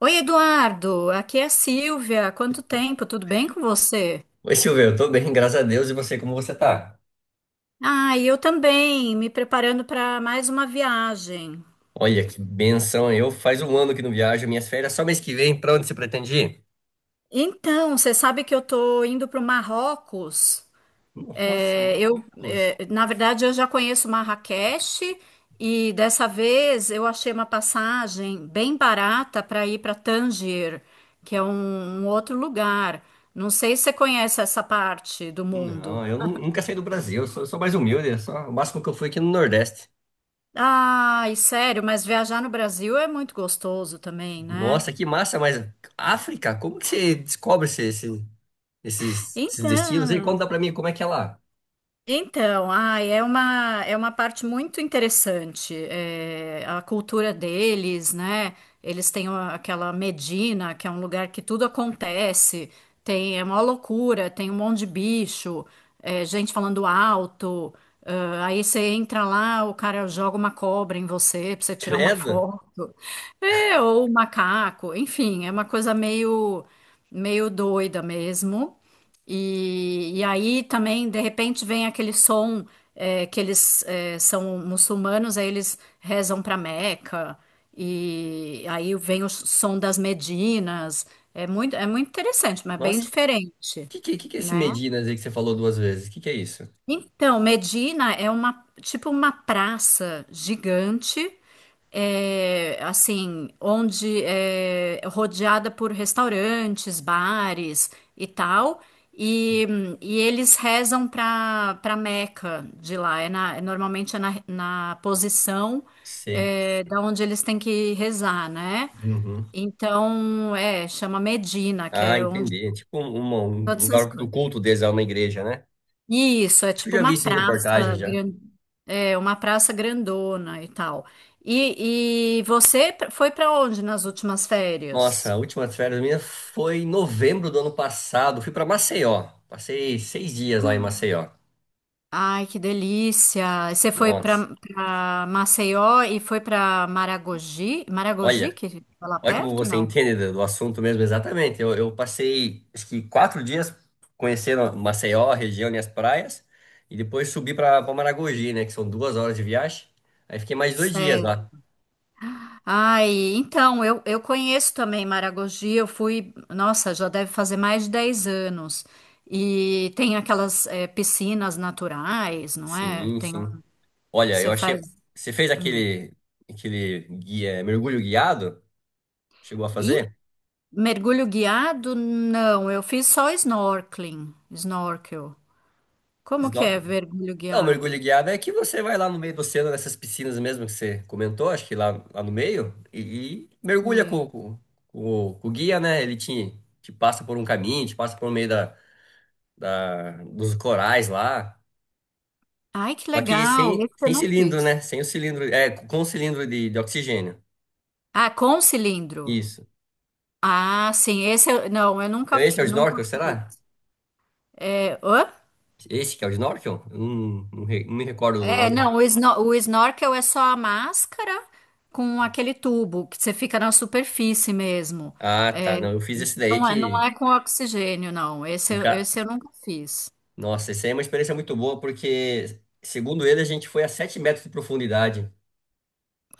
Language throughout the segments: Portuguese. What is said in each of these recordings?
Oi, Eduardo, aqui é a Silvia. Quanto tempo? Tudo bem com você? Oi, Silvio, eu tô bem, graças a Deus. E você, como você tá? Ah, e eu também, me preparando para mais uma viagem. Olha, que benção. Eu faz um ano que não viajo, minhas férias só mês que vem. Pra onde você pretende ir? Então, você sabe que eu tô indo para o Marrocos. Nossa, É, eu, Marrocos. Na verdade, eu já conheço Marrakech e dessa vez eu achei uma passagem bem barata para ir para Tanger, que é um outro lugar. Não sei se você conhece essa parte do mundo. Não, nunca saí do Brasil, eu sou mais humilde. Eu Só, o máximo que eu fui aqui no Nordeste. Ai, sério, mas viajar no Brasil é muito gostoso também, né? Nossa, que massa, mas África, como que você descobre esses destinos? E Então, conta pra mim como é que é lá. Então, ai, é uma parte muito interessante, a cultura deles, né? Eles têm aquela Medina, que é um lugar que tudo acontece, tem, é uma loucura, tem um monte de bicho, gente falando alto, ah, aí você entra lá, o cara joga uma cobra em você pra você tirar uma Credo. foto, ou um macaco, enfim, é uma coisa meio doida mesmo. E aí também, de repente, vem aquele som que eles são muçulmanos, aí eles rezam para Meca, e aí vem o som das Medinas. É muito interessante, mas bem Nossa, o diferente, que que é esse né? Medinas aí que você falou duas vezes? Que é isso? Então, Medina é uma tipo uma praça gigante, assim, onde é rodeada por restaurantes, bares e tal, e, e eles rezam para Meca de lá. Normalmente é na posição Sei. Da onde eles têm que rezar, né? Uhum. Então, chama Medina, que Ah, é onde entendi. É tipo um todas essas lugar do coisas. culto deles lá na igreja, né? Isso, é Acho que eu tipo já uma vi isso em reportagem praça já. grande. É, uma praça grandona e tal. E você foi para onde nas últimas Nossa, férias? a última férias minha foi em novembro do ano passado. Fui pra Maceió. Passei 6 dias lá em Maceió. Ai, que delícia! Você foi Nossa, para Maceió e foi para Maragogi? Maragogi, olha, que fica lá olha como perto, você não? entende do assunto mesmo, exatamente. Eu passei, acho que 4 dias conhecendo Maceió, a região e as praias, e depois subi para pra Maragogi, né, que são 2 horas de viagem. Aí fiquei mais 2 dias Sei. lá. Ai, então, eu conheço também Maragogi, eu fui, nossa, já deve fazer mais de 10 anos. E tem aquelas piscinas naturais, não é? Sim, sim. Olha, Você eu achei. faz. Você fez hum. Aquele guia, mergulho guiado? Chegou a fazer? Mergulho guiado? Não, eu fiz só snorkeling, snorkel. Como que é Snorkel? mergulho Não, guiado? mergulho guiado é que você vai lá no meio do oceano, nessas piscinas mesmo que você comentou, acho que lá, lá no meio, e mergulha É. Com o guia, né? Ele te passa por um caminho, te passa por meio dos corais lá. Ai, que Só que legal, esse eu sem não cilindro, fiz. né? Sem o cilindro. É, com o cilindro de oxigênio. Ah, com cilindro. Isso. Ah, sim, esse eu, não, eu nunca, Então esse é o nunca snorkel, fiz. será? É, hã? Esse que é o snorkel? Eu não me recordo do É, nome. não, o snorkel é só a máscara com aquele tubo que você fica na superfície mesmo. Ah, tá. Não, eu fiz esse daí Não é, não é com oxigênio, não. que Esse, o eu- cara. esse eu nunca fiz. Nossa, isso aí é uma experiência muito boa, porque, segundo ele, a gente foi a 7 metros de profundidade.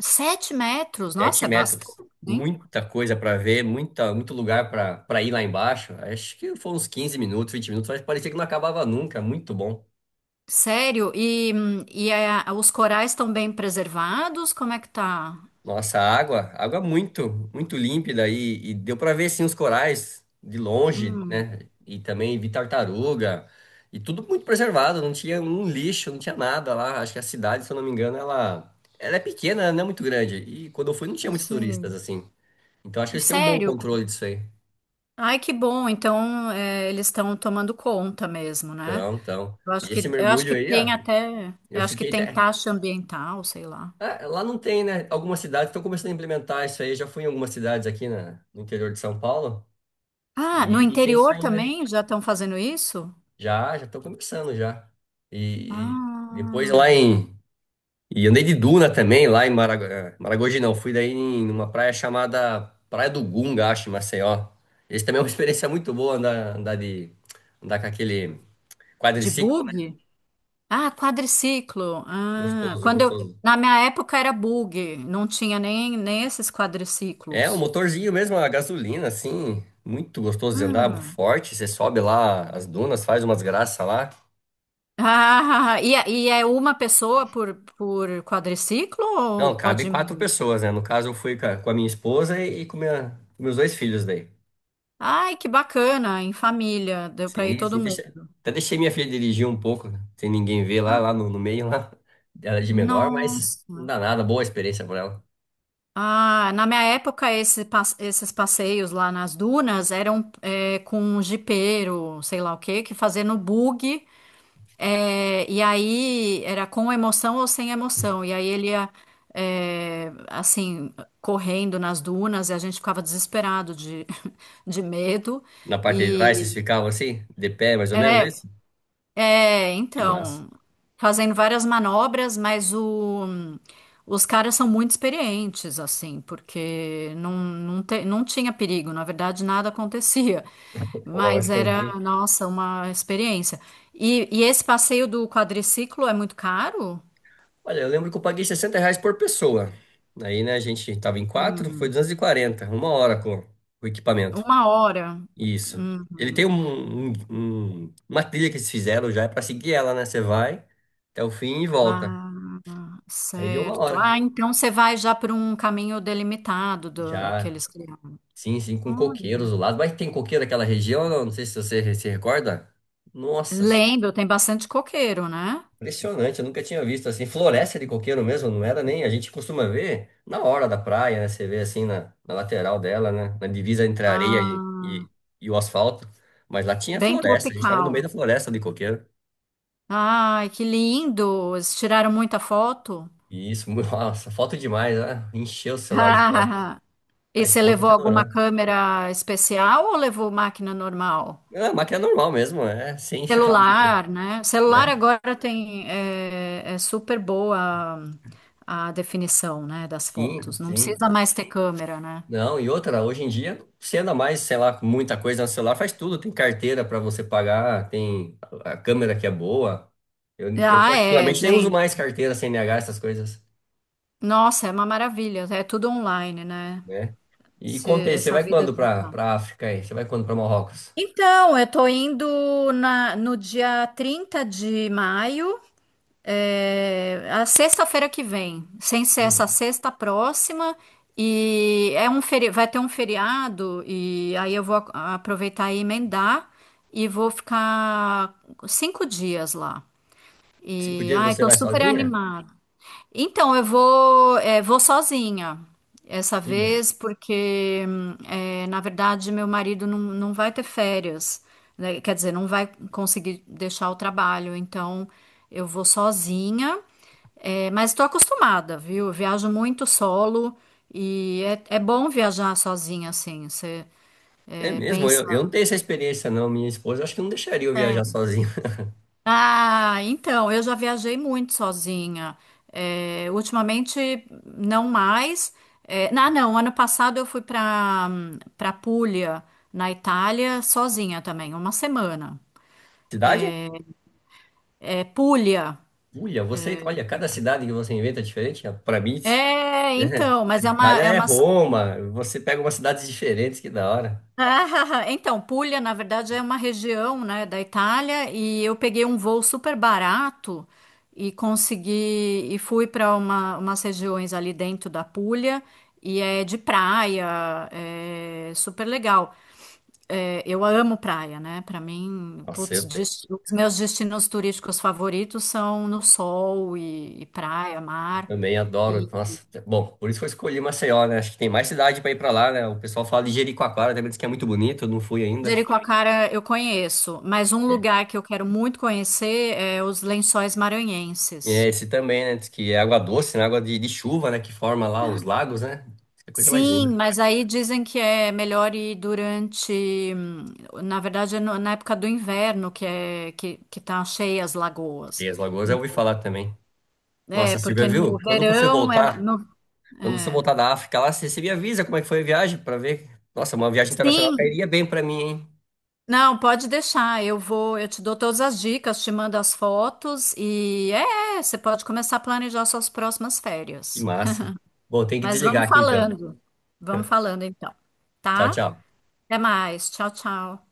7 metros, 7 nossa, é metros. bastante. Muita coisa para ver, muita, muito lugar para ir lá embaixo. Acho que foi uns 15 minutos, 20 minutos, mas parecia que não acabava nunca. Muito bom. Sério? E os corais estão bem preservados? Como é que tá? Nossa, a água é muito límpida e deu para ver sim os corais de longe, Hum, né? E também vi tartaruga e tudo muito preservado, não tinha um lixo, não tinha nada lá. Acho que a cidade, se eu não me engano, ela é pequena, ela não é muito grande. E quando eu fui, não tinha não muitos turistas sei. assim. Então acho que eles têm um bom Sério? controle disso aí. Ai, que bom. Então, eles estão tomando conta mesmo, né? Então, então. Eu acho E esse que, eu acho mergulho que aí, ó, tem até, eu eu acho que fiquei tem até. taxa ambiental, sei lá. Ah, lá não tem, né? Algumas cidades estão começando a implementar isso aí. Eu já fui em algumas cidades aqui no interior de São Paulo Ah, no e tem isso interior aí, né? também já estão fazendo isso? Já, já tô começando já. E depois lá Ah, em. E andei de duna também, lá em Marago- eh, Maragogi, não. Fui daí em uma praia chamada Praia do Gunga, acho, em Maceió. Esse também é uma experiência muito boa andar, andar de. Andar com aquele de quadriciclo, né? bug? Ah, quadriciclo. Ah, Gostoso, quando gostoso. na minha época era bug, não tinha nem, esses É, um quadriciclos. motorzinho mesmo, a gasolina, assim. Muito gostoso de andar, Ah. forte. Você sobe lá as dunas, faz umas graças lá. Ah, e é uma pessoa por quadriciclo ou Não, cabe pode ir quatro mais? pessoas, né? No caso, eu fui com a minha esposa com meus 2 filhos daí. Ai, que bacana, em família, deu para ir Sim, todo sim, deixa... mundo. até deixei minha filha dirigir um pouco, né? Sem ninguém ver lá, Ah, no meio, lá. Ela é de menor, mas não nossa. dá nada, boa experiência para ela. Ah, na minha época, esses passeios lá nas dunas eram com um jipeiro, sei lá o quê, que fazia no bug. É, e aí era com emoção ou sem emoção. E aí ele ia, assim, correndo nas dunas e a gente ficava desesperado de, de medo. Na parte de trás, vocês E, ficavam assim, de pé, mais ou menos, é é, isso? é, Que massa. então, fazendo várias manobras, mas os caras são muito experientes, assim, porque não não tinha perigo, na verdade nada acontecia, Falou, vai mas ficando era, aqui. nossa, uma experiência. E esse passeio do quadriciclo é muito caro? Olha, eu lembro que eu paguei R$ 60 por pessoa. Aí, né, a gente tava em quatro, foi Hum, 240, uma hora com o equipamento. uma hora. Isso. Ele tem Uhum. Uma trilha que eles fizeram já, é pra seguir ela, né? Você vai até o fim e volta. Ah, Aí deu uma certo. hora. Ah, então você vai já por um caminho delimitado que Já eles criaram. sim, sim, com coqueiros Olha. do lado. Mas tem coqueiro naquela região, não? Não sei se você se recorda. Nossa senhora, Lembro, tem bastante coqueiro, né? impressionante, eu nunca tinha visto assim. Floresta de coqueiro mesmo, não era nem. A gente costuma ver na hora da praia, né? Você vê assim na lateral dela, né? Na divisa entre a areia Ah, e o asfalto. Mas lá tinha bem floresta, a gente tava no meio da tropical. floresta de coqueiro. Ai, que lindo! Eles tiraram muita foto. E isso, nossa, foto demais, né? Encheu o celular de foto. Ah, A e você esposa levou que alguma adorou. câmera especial ou levou máquina normal? Ah, mas que é normal mesmo, é, sem ficar muito, Celular, né? Celular né? agora tem é super boa a definição, né, das Sim, fotos. Não sim. precisa mais ter câmera, né? Não, e outra, hoje em dia não anda mais, sei lá, com muita coisa no celular, faz tudo, tem carteira para você pagar, tem a câmera que é boa. Eu Ah, é, particularmente nem uso gente. mais carteira, CNH, essas coisas, Nossa, é uma maravilha. É tudo online, né? né? E conta você Essa vai vida quando digital. para África aí? Você vai quando para Marrocos? Então, eu tô indo no dia 30 de maio, a sexta-feira que vem, sem ser Ia. essa sexta próxima, e é um feri vai ter um feriado, e aí eu vou aproveitar e emendar, e vou ficar 5 dias lá. Cinco E, dias ai, você tô vai super sozinha? animada. Então, eu vou sozinha essa Ia. vez, porque, na verdade, meu marido não vai ter férias, né? Quer dizer, não vai conseguir deixar o trabalho. Então, eu vou sozinha, mas estou acostumada, viu? Eu viajo muito solo e é bom viajar sozinha, assim. Você, É é, mesmo, pensa eu não tenho essa experiência não, minha esposa acho que não deixaria eu viajar sozinho. Ah, então, eu já viajei muito sozinha. É, ultimamente, não mais. Não, ano passado eu fui para Puglia, na Itália, sozinha também, uma semana. Cidade? É, Puglia. Uia, você, olha, cada cidade que você inventa é diferente, para mim É, né? então, mas é uma, Itália é é uma, Roma, você pega umas cidades diferentes, que da hora. Ah, então, Puglia, na verdade, é uma região, né, da Itália e eu peguei um voo super barato e consegui e fui para umas regiões ali dentro da Puglia e é de praia, é super legal. É, eu amo praia, né? Para mim, Nossa, putz, os meus destinos turísticos favoritos são no sol e praia, mar. também adoro. Nossa, bom, por isso que eu escolhi Maceió, né? Acho que tem mais cidade pra ir pra lá, né? O pessoal fala de Jericoacoara, também diz que é muito bonito, eu não fui ainda. Jericoacoara eu conheço, mas um É. lugar que eu quero muito conhecer é os Lençóis E é Maranhenses. esse também, né? Diz que é água doce, né? Água de chuva, né? Que forma lá uns lagos, né? Diz que é coisa mais Sim, linda. mas aí dizem que é melhor ir durante, na verdade, na época do inverno que é que tá cheia as lagoas. E as lagoas eu ouvi falar também. É, Nossa, Silvia, porque no viu? Verão ela Quando você é. voltar da África lá, você me avisa como é que foi a viagem pra ver. Nossa, uma viagem internacional Sim, cairia bem pra mim, hein? não, pode deixar. Eu te dou todas as dicas, te mando as fotos e você pode começar a planejar suas próximas Que férias. massa. Bom, tem que Mas desligar vamos aqui então. falando. Vamos falando então, Tchau, tá? tchau. Até mais. Tchau, tchau.